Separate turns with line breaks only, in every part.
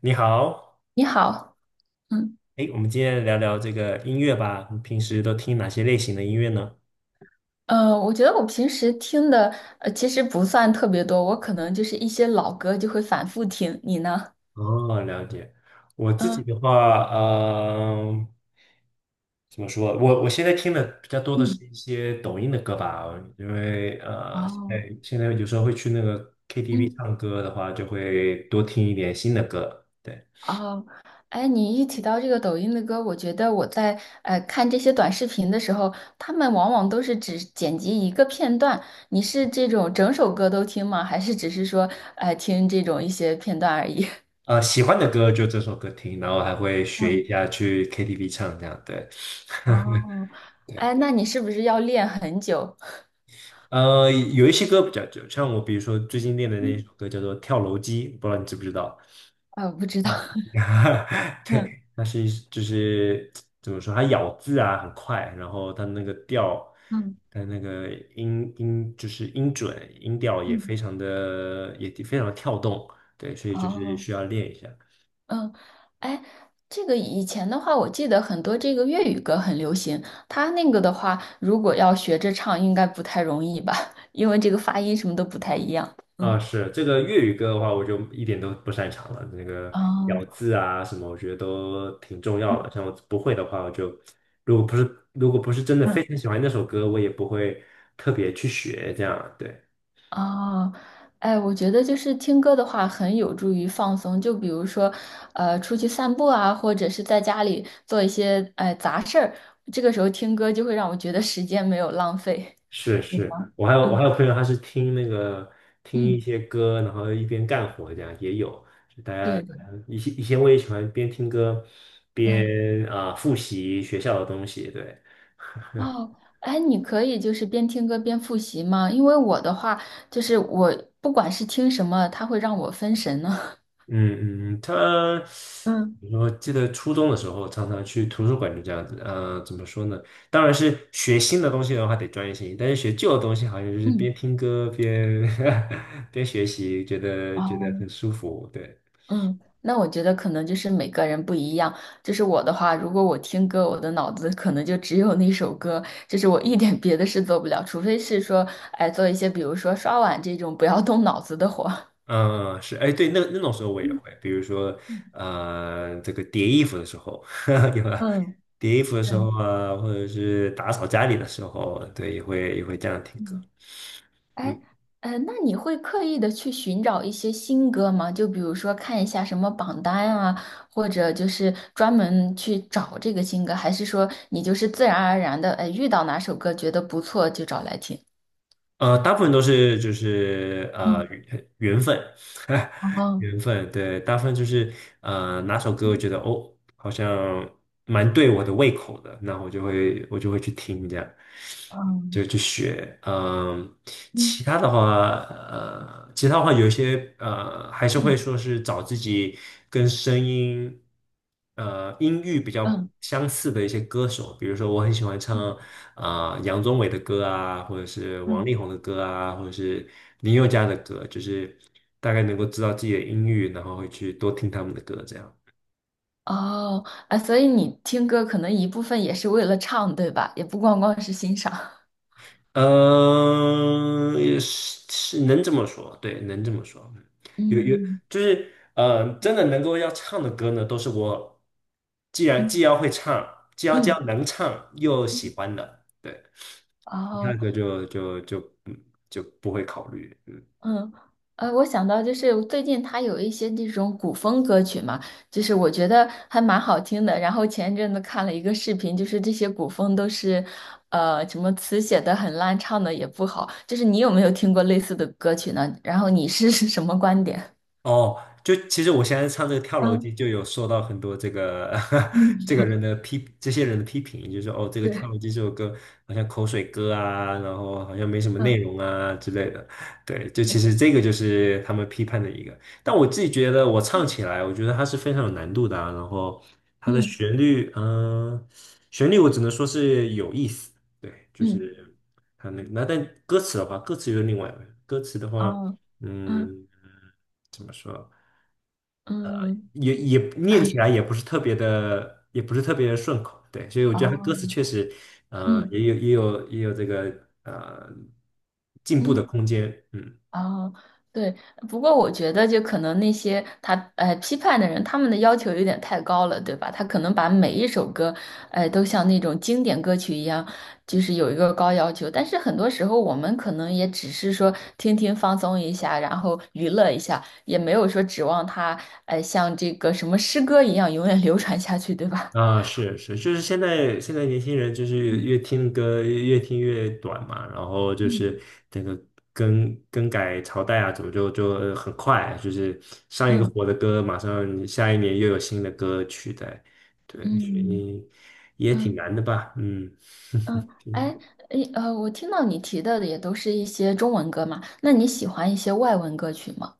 你好，
你好，嗯，
哎，我们今天聊聊这个音乐吧。你平时都听哪些类型的音乐呢？
我觉得我平时听的其实不算特别多，我可能就是一些老歌就会反复听。你呢？
哦，了解。我自己
嗯
的话，嗯，怎么说？我现在听的比较多的是
嗯，
一些抖音的歌吧，因为现
哦，
在现在有时候会去那个 KTV
嗯
唱歌的话，就会多听一点新的歌。对，
哦，哎，你一提到这个抖音的歌，我觉得我在看这些短视频的时候，他们往往都是只剪辑一个片段。你是这种整首歌都听吗？还是只是说听这种一些片段而已？
喜欢的歌就这首歌听，然后还会学
嗯
一下去 KTV 唱这样。对，
哦，哎，那你是不是要练很久？
有一些歌比较久，像我比如说最近练的那一首
嗯，
歌叫做《跳楼机》，不知道你知不知道？
不知道。
啊
嗯。
对，它是一就是怎么说，它咬字啊很快，然后它那个调，
嗯
它那个音就是音准音调也
嗯，
非常的也非常的跳动，对，所以就是
哦，
需要练一下。
嗯，哎，这个以前的话，我记得很多这个粤语歌很流行，它那个的话，如果要学着唱，应该不太容易吧，因为这个发音什么都不太一样。
啊，
嗯，
是这个粤语歌的话，我就一点都不擅长了。那个
哦，
咬字啊什么，我觉得都挺重要的。像我不会的话，我就如果不是真的
嗯，
非常喜欢那首歌，我也不会特别去学。这样，对，
哦，哎，我觉得就是听歌的话，很有助于放松。就比如说，出去散步啊，或者是在家里做一些杂事儿，这个时候听歌就会让我觉得时间没有浪费。
是
有
是。
吗？
我还有我
嗯
还有朋友，他是听那个听一
嗯，
些歌，然后一边干活，这样也有。就大家
对的，
以前我也喜欢边听歌
嗯。
边啊、复习学校的东西，对。
哦，哎，你可以就是边听歌边复习吗？因为我的话，就是我不管是听什么，它会让我分神呢。
嗯嗯，他，
嗯，
我记得初中的时候常常去图书馆，就这样子。怎么说呢？当然是学新的东西的话得专业性，但是学旧的东西好像就是
嗯，
边听歌边 边学习，觉得
哦，
很舒服。对，
嗯，那我觉得可能就是每个人不一样。就是我的话，如果我听歌，我的脑子可能就只有那首歌，就是我一点别的事做不了，除非是说，哎，做一些比如说刷碗这种不要动脑子的活儿。
嗯，是，哎，对，那那种时候我也会，比如说
嗯
这个叠衣服的时候，对吧？
嗯，
叠衣服的时
对。
候啊，或者是打扫家里的时候，对，也会这样听歌。嗯。
哎，那你会刻意的去寻找一些新歌吗？就比如说看一下什么榜单啊，或者就是专门去找这个新歌，还是说你就是自然而然的，哎，遇到哪首歌觉得不错就找来听？
大部分都是就是
嗯，
缘分，
哦，
缘分，对，大部分就是哪首歌我觉得哦好像蛮对我的胃口的，那我就会去听这样，就
嗯
去学，嗯、
嗯
其他的话，其他的话有一些，还是
嗯
会说是找自己跟声音，音域比较
嗯
相似的一些歌手，比如说我很喜欢唱
嗯
啊、杨宗纬的歌啊，或者是王
嗯，
力宏的歌啊，或者是林宥嘉的歌，就是大概能够知道自己的音域，然后会去多听他们的歌，这样。
哦，啊，所以你听歌可能一部分也是为了唱，对吧？也不光光是欣赏。
嗯，也是是能这么说，对，能这么说。嗯有
嗯
就是真的能够要唱的歌呢，都是我既然既
嗯
要会唱，既要既
嗯
要能唱又
嗯
喜欢的，对，其他
哦，
歌就嗯就不会考虑。嗯。
嗯，我想到就是最近他有一些这种古风歌曲嘛，就是我觉得还蛮好听的。然后前一阵子看了一个视频，就是这些古风都是，什么词写的很烂，唱的也不好。就是你有没有听过类似的歌曲呢？然后你是 是什么观点？
哦，就其实我现在唱这个跳楼机，
嗯
就有受到很多这个
嗯，
这个人的批，这些人的批评，就是说哦，这个跳
对，
楼机这首歌好像口水歌啊，然后好像没什么内
嗯
容啊之类的。对，就
对，
其实这个就是他们批判的一个。但我自己觉得我唱起来，我觉得它是非常有难度的啊。然后它的
嗯
旋律，嗯、旋律我只能说是有意思。对，就
嗯，
是它那但歌词的话，歌词又是另外一回事歌词的话，
哦，嗯
嗯。怎么说，
嗯，
也念起来也不是特别的，也不是特别的顺口，对，所以我觉得他歌词
哦，
确实，
嗯
也有这个进步的
嗯。
空间，嗯。
哦，对，不过我觉得就可能那些他批判的人，他们的要求有点太高了，对吧？他可能把每一首歌，都像那种经典歌曲一样，就是有一个高要求。但是很多时候，我们可能也只是说听听放松一下，然后娱乐一下，也没有说指望它，像这个什么诗歌一样永远 流传下去，对吧？
啊，是是，就是现在年轻人就是越
嗯
听歌越听越短嘛，然后就
嗯
是这个更改朝代啊，怎么很快，就是上一个
嗯
火的歌，马上下一年又有新的歌取代，对，所
嗯
以也挺
嗯。
难的吧，嗯，
嗯，
挺难
哎，诶，我听到你提到的也都是一些中文歌嘛，那你喜欢一些外文歌曲吗？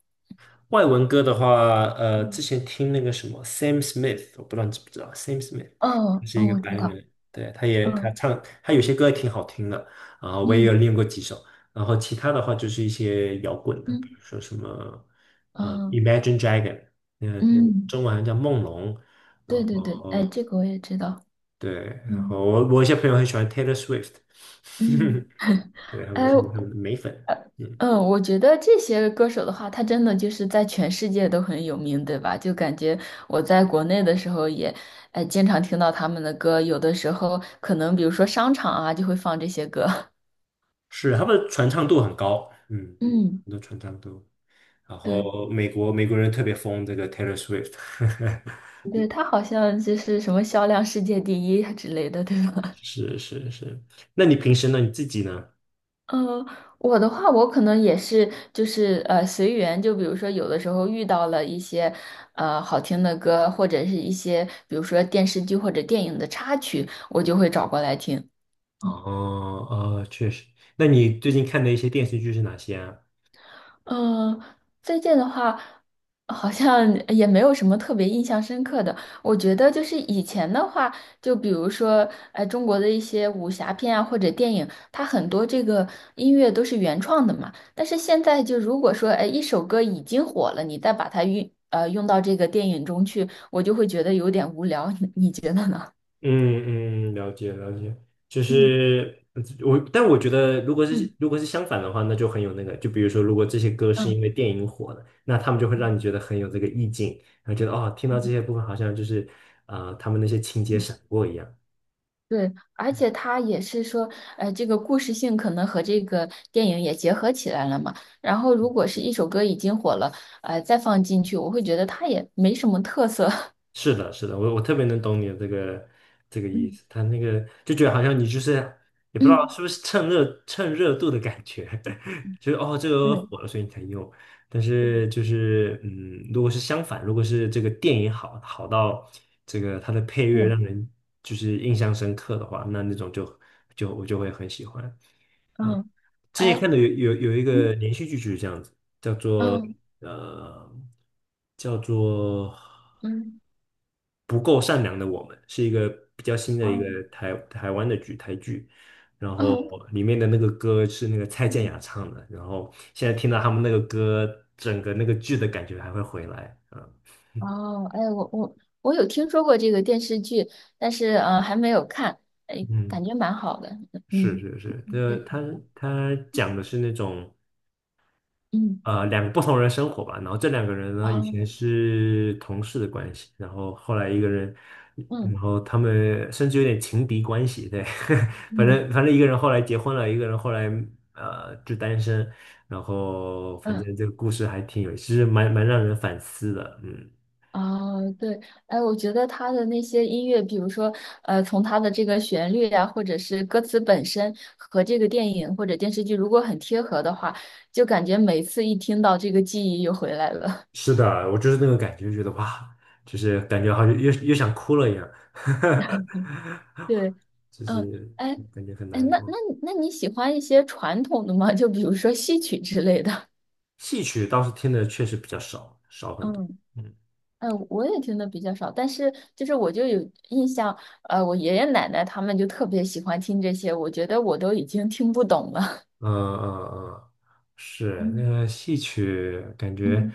外文歌的话，之
嗯，
前听那个什么 Sam Smith，我不知道你知不知道 Sam Smith，
嗯
他
哦，
是一
嗯，
个
我
白
知道，
人，对，他
嗯
唱他有些歌也挺好听的，啊，我也有
嗯
练过几首，然后其他的话就是一些摇滚的，比
嗯
如说什么，
嗯
Imagine Dragon，嗯、
嗯，
中文好像叫梦龙，然
对对对，哎，
后
这个我也知道，
对，然
嗯
后我一些朋友很喜欢 Taylor Swift，
嗯，
对，他
哎
们是他们的美粉，嗯，
嗯，我觉得这些歌手的话，他真的就是在全世界都很有名，对吧？就感觉我在国内的时候也，哎，经常听到他们的歌，有的时候可能比如说商场啊，就会放这些歌，
是他们的传唱度很高，嗯，
嗯，
很多传唱度。然
对，
后美国人特别疯这个 Taylor Swift，
对，他好像就是什么销量世界第一之类的，对 吧？
是是是。那你平时呢？你自己呢？
嗯，我的话，我可能也是，就是随缘。就比如说，有的时候遇到了一些好听的歌，或者是一些比如说电视剧或者电影的插曲，我就会找过来听。
哦哦，确实。那你最近看的一些电视剧是哪些啊？
嗯，最近的话，好像也没有什么特别印象深刻的。我觉得就是以前的话，就比如说，中国的一些武侠片啊，或者电影，它很多这个音乐都是原创的嘛。但是现在就如果说，哎，一首歌已经火了，你再把它用到这个电影中去，我就会觉得有点无聊。你觉得呢？
嗯嗯，了解了解，就
嗯
是我，但我觉得如果是
嗯
如果是相反的话，那就很有那个，就比如说，如果这些歌是
嗯
因为电影火的，那他们就会让你觉得很有这个意境，然后觉得哦，听到这
嗯。
些部分好像就是他们那些情节
嗯
闪过一样。
对，而且他也是说，这个故事性可能和这个电影也结合起来了嘛。然后，如果是一首歌已经火了，再放进去，我会觉得它也没什么特色。
是的，是的，我特别能懂你的这个意
嗯
思，他那个就觉得好像你就是也不知道
嗯
是不是趁热度的感觉，就是哦这个
嗯
火了所以你才用，但是就是嗯，如果是相反，如果是这个电影好到这个它的配
嗯
乐
嗯，
让人就是印象深刻的话，那那种就我就会很喜欢。
嗯
之前
哎，
看的有一个
嗯
连续剧就是这样子，叫做
嗯
呃叫做。
嗯
不够善良的我们》，是一个比较新的一个
哦
台湾的剧台剧，然后
嗯
里面的那个歌是那个蔡健
嗯
雅唱的，然后现在听到他们那个歌，整个那个剧的感觉还会回来，嗯
哦，哎，我有听说过这个电视剧，但是还没有看，哎，
嗯，
感觉蛮好的。
是
嗯
是是，
嗯
他
嗯
他讲的是那种。
嗯
两个不同人生活吧，然后这两个人呢以前
哦
是同事的关系，然后后来一个人，然
嗯
后他们甚至有点情敌关系，对，反
嗯
正反正一个人后来结婚了，一个人后来就单身，然后反
嗯。
正这个故事还挺有，其实蛮让人反思的，嗯，
哦，对，哎，我觉得他的那些音乐，比如说，从他的这个旋律呀、或者是歌词本身和这个电影或者电视剧如果很贴合的话，就感觉每次一听到这个记忆又回来了。
是的，我就是那个感觉，觉得哇，就是感觉好像又想哭了一样，
对，
就
嗯，
是
哎，
感觉很
哎，
难
那
过。
那那你喜欢一些传统的吗？就比如说戏曲之类的。
戏曲倒是听的确实比较少，少 很多。
嗯，
嗯
哎，我也听的比较少，但是就是我就有印象，我爷爷奶奶他们就特别喜欢听这些，我觉得我都已经听不懂了。
嗯嗯嗯，是那 个戏曲，感觉
嗯。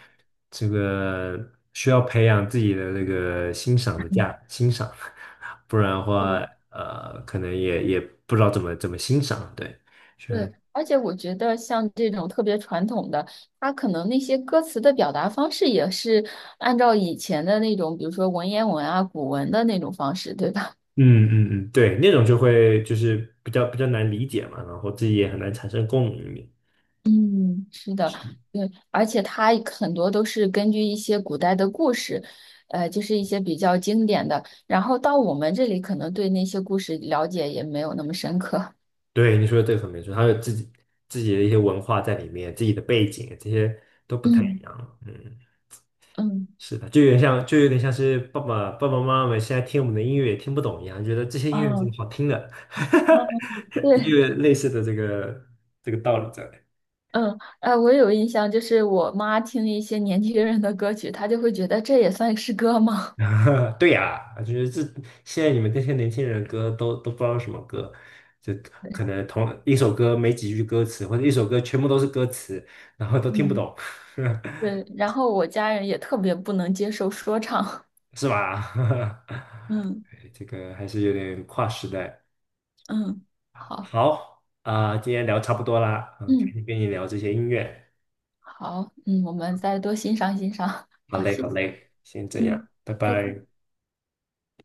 这个需要培养自己的那个
嗯
欣赏，不然的话，
对
可能也不知道怎么欣赏。对，是，
对，而且我觉得像这种特别传统的，它可能那些歌词的表达方式也是按照以前的那种，比如说文言文啊、古文的那种方式，对吧？
嗯嗯嗯，对，那种就会就是比较难理解嘛，然后自己也很难产生共鸣。
嗯，是的，对，而且它很多都是根据一些古代的故事，就是一些比较经典的，然后到我们这里可能对那些故事了解也没有那么深刻。
对，你说的这个很没错，他有自己的一些文化在里面，自己的背景这些都不太一
嗯
样。嗯，
嗯，
是的，就有点像是爸爸妈妈们现在听我们的音乐也听不懂一样，觉得这 些音乐怎么
哦
好听的，
哦，对
也有类似的这个道理在。
嗯，哎，我有印象，就是我妈听一些年轻人的歌曲，她就会觉得这也算是歌吗？
对呀，就是这现在你们这些年轻人的歌都不知道是什么歌，就
对，
可能同一首歌没几句歌词，或者一首歌全部都是歌词，然后都听不
嗯，
懂，
对，然后我家人也特别不能接受说唱。
是吧？
嗯
这个还是有点跨时代。
嗯，好，
好啊，今天聊差不多啦，嗯，赶
嗯
紧跟你聊这些音乐。
好，嗯，我们再多欣赏欣赏。
好
好，
嘞，
谢
好
谢。
嘞，先这样，
嗯，
拜
再见。
拜。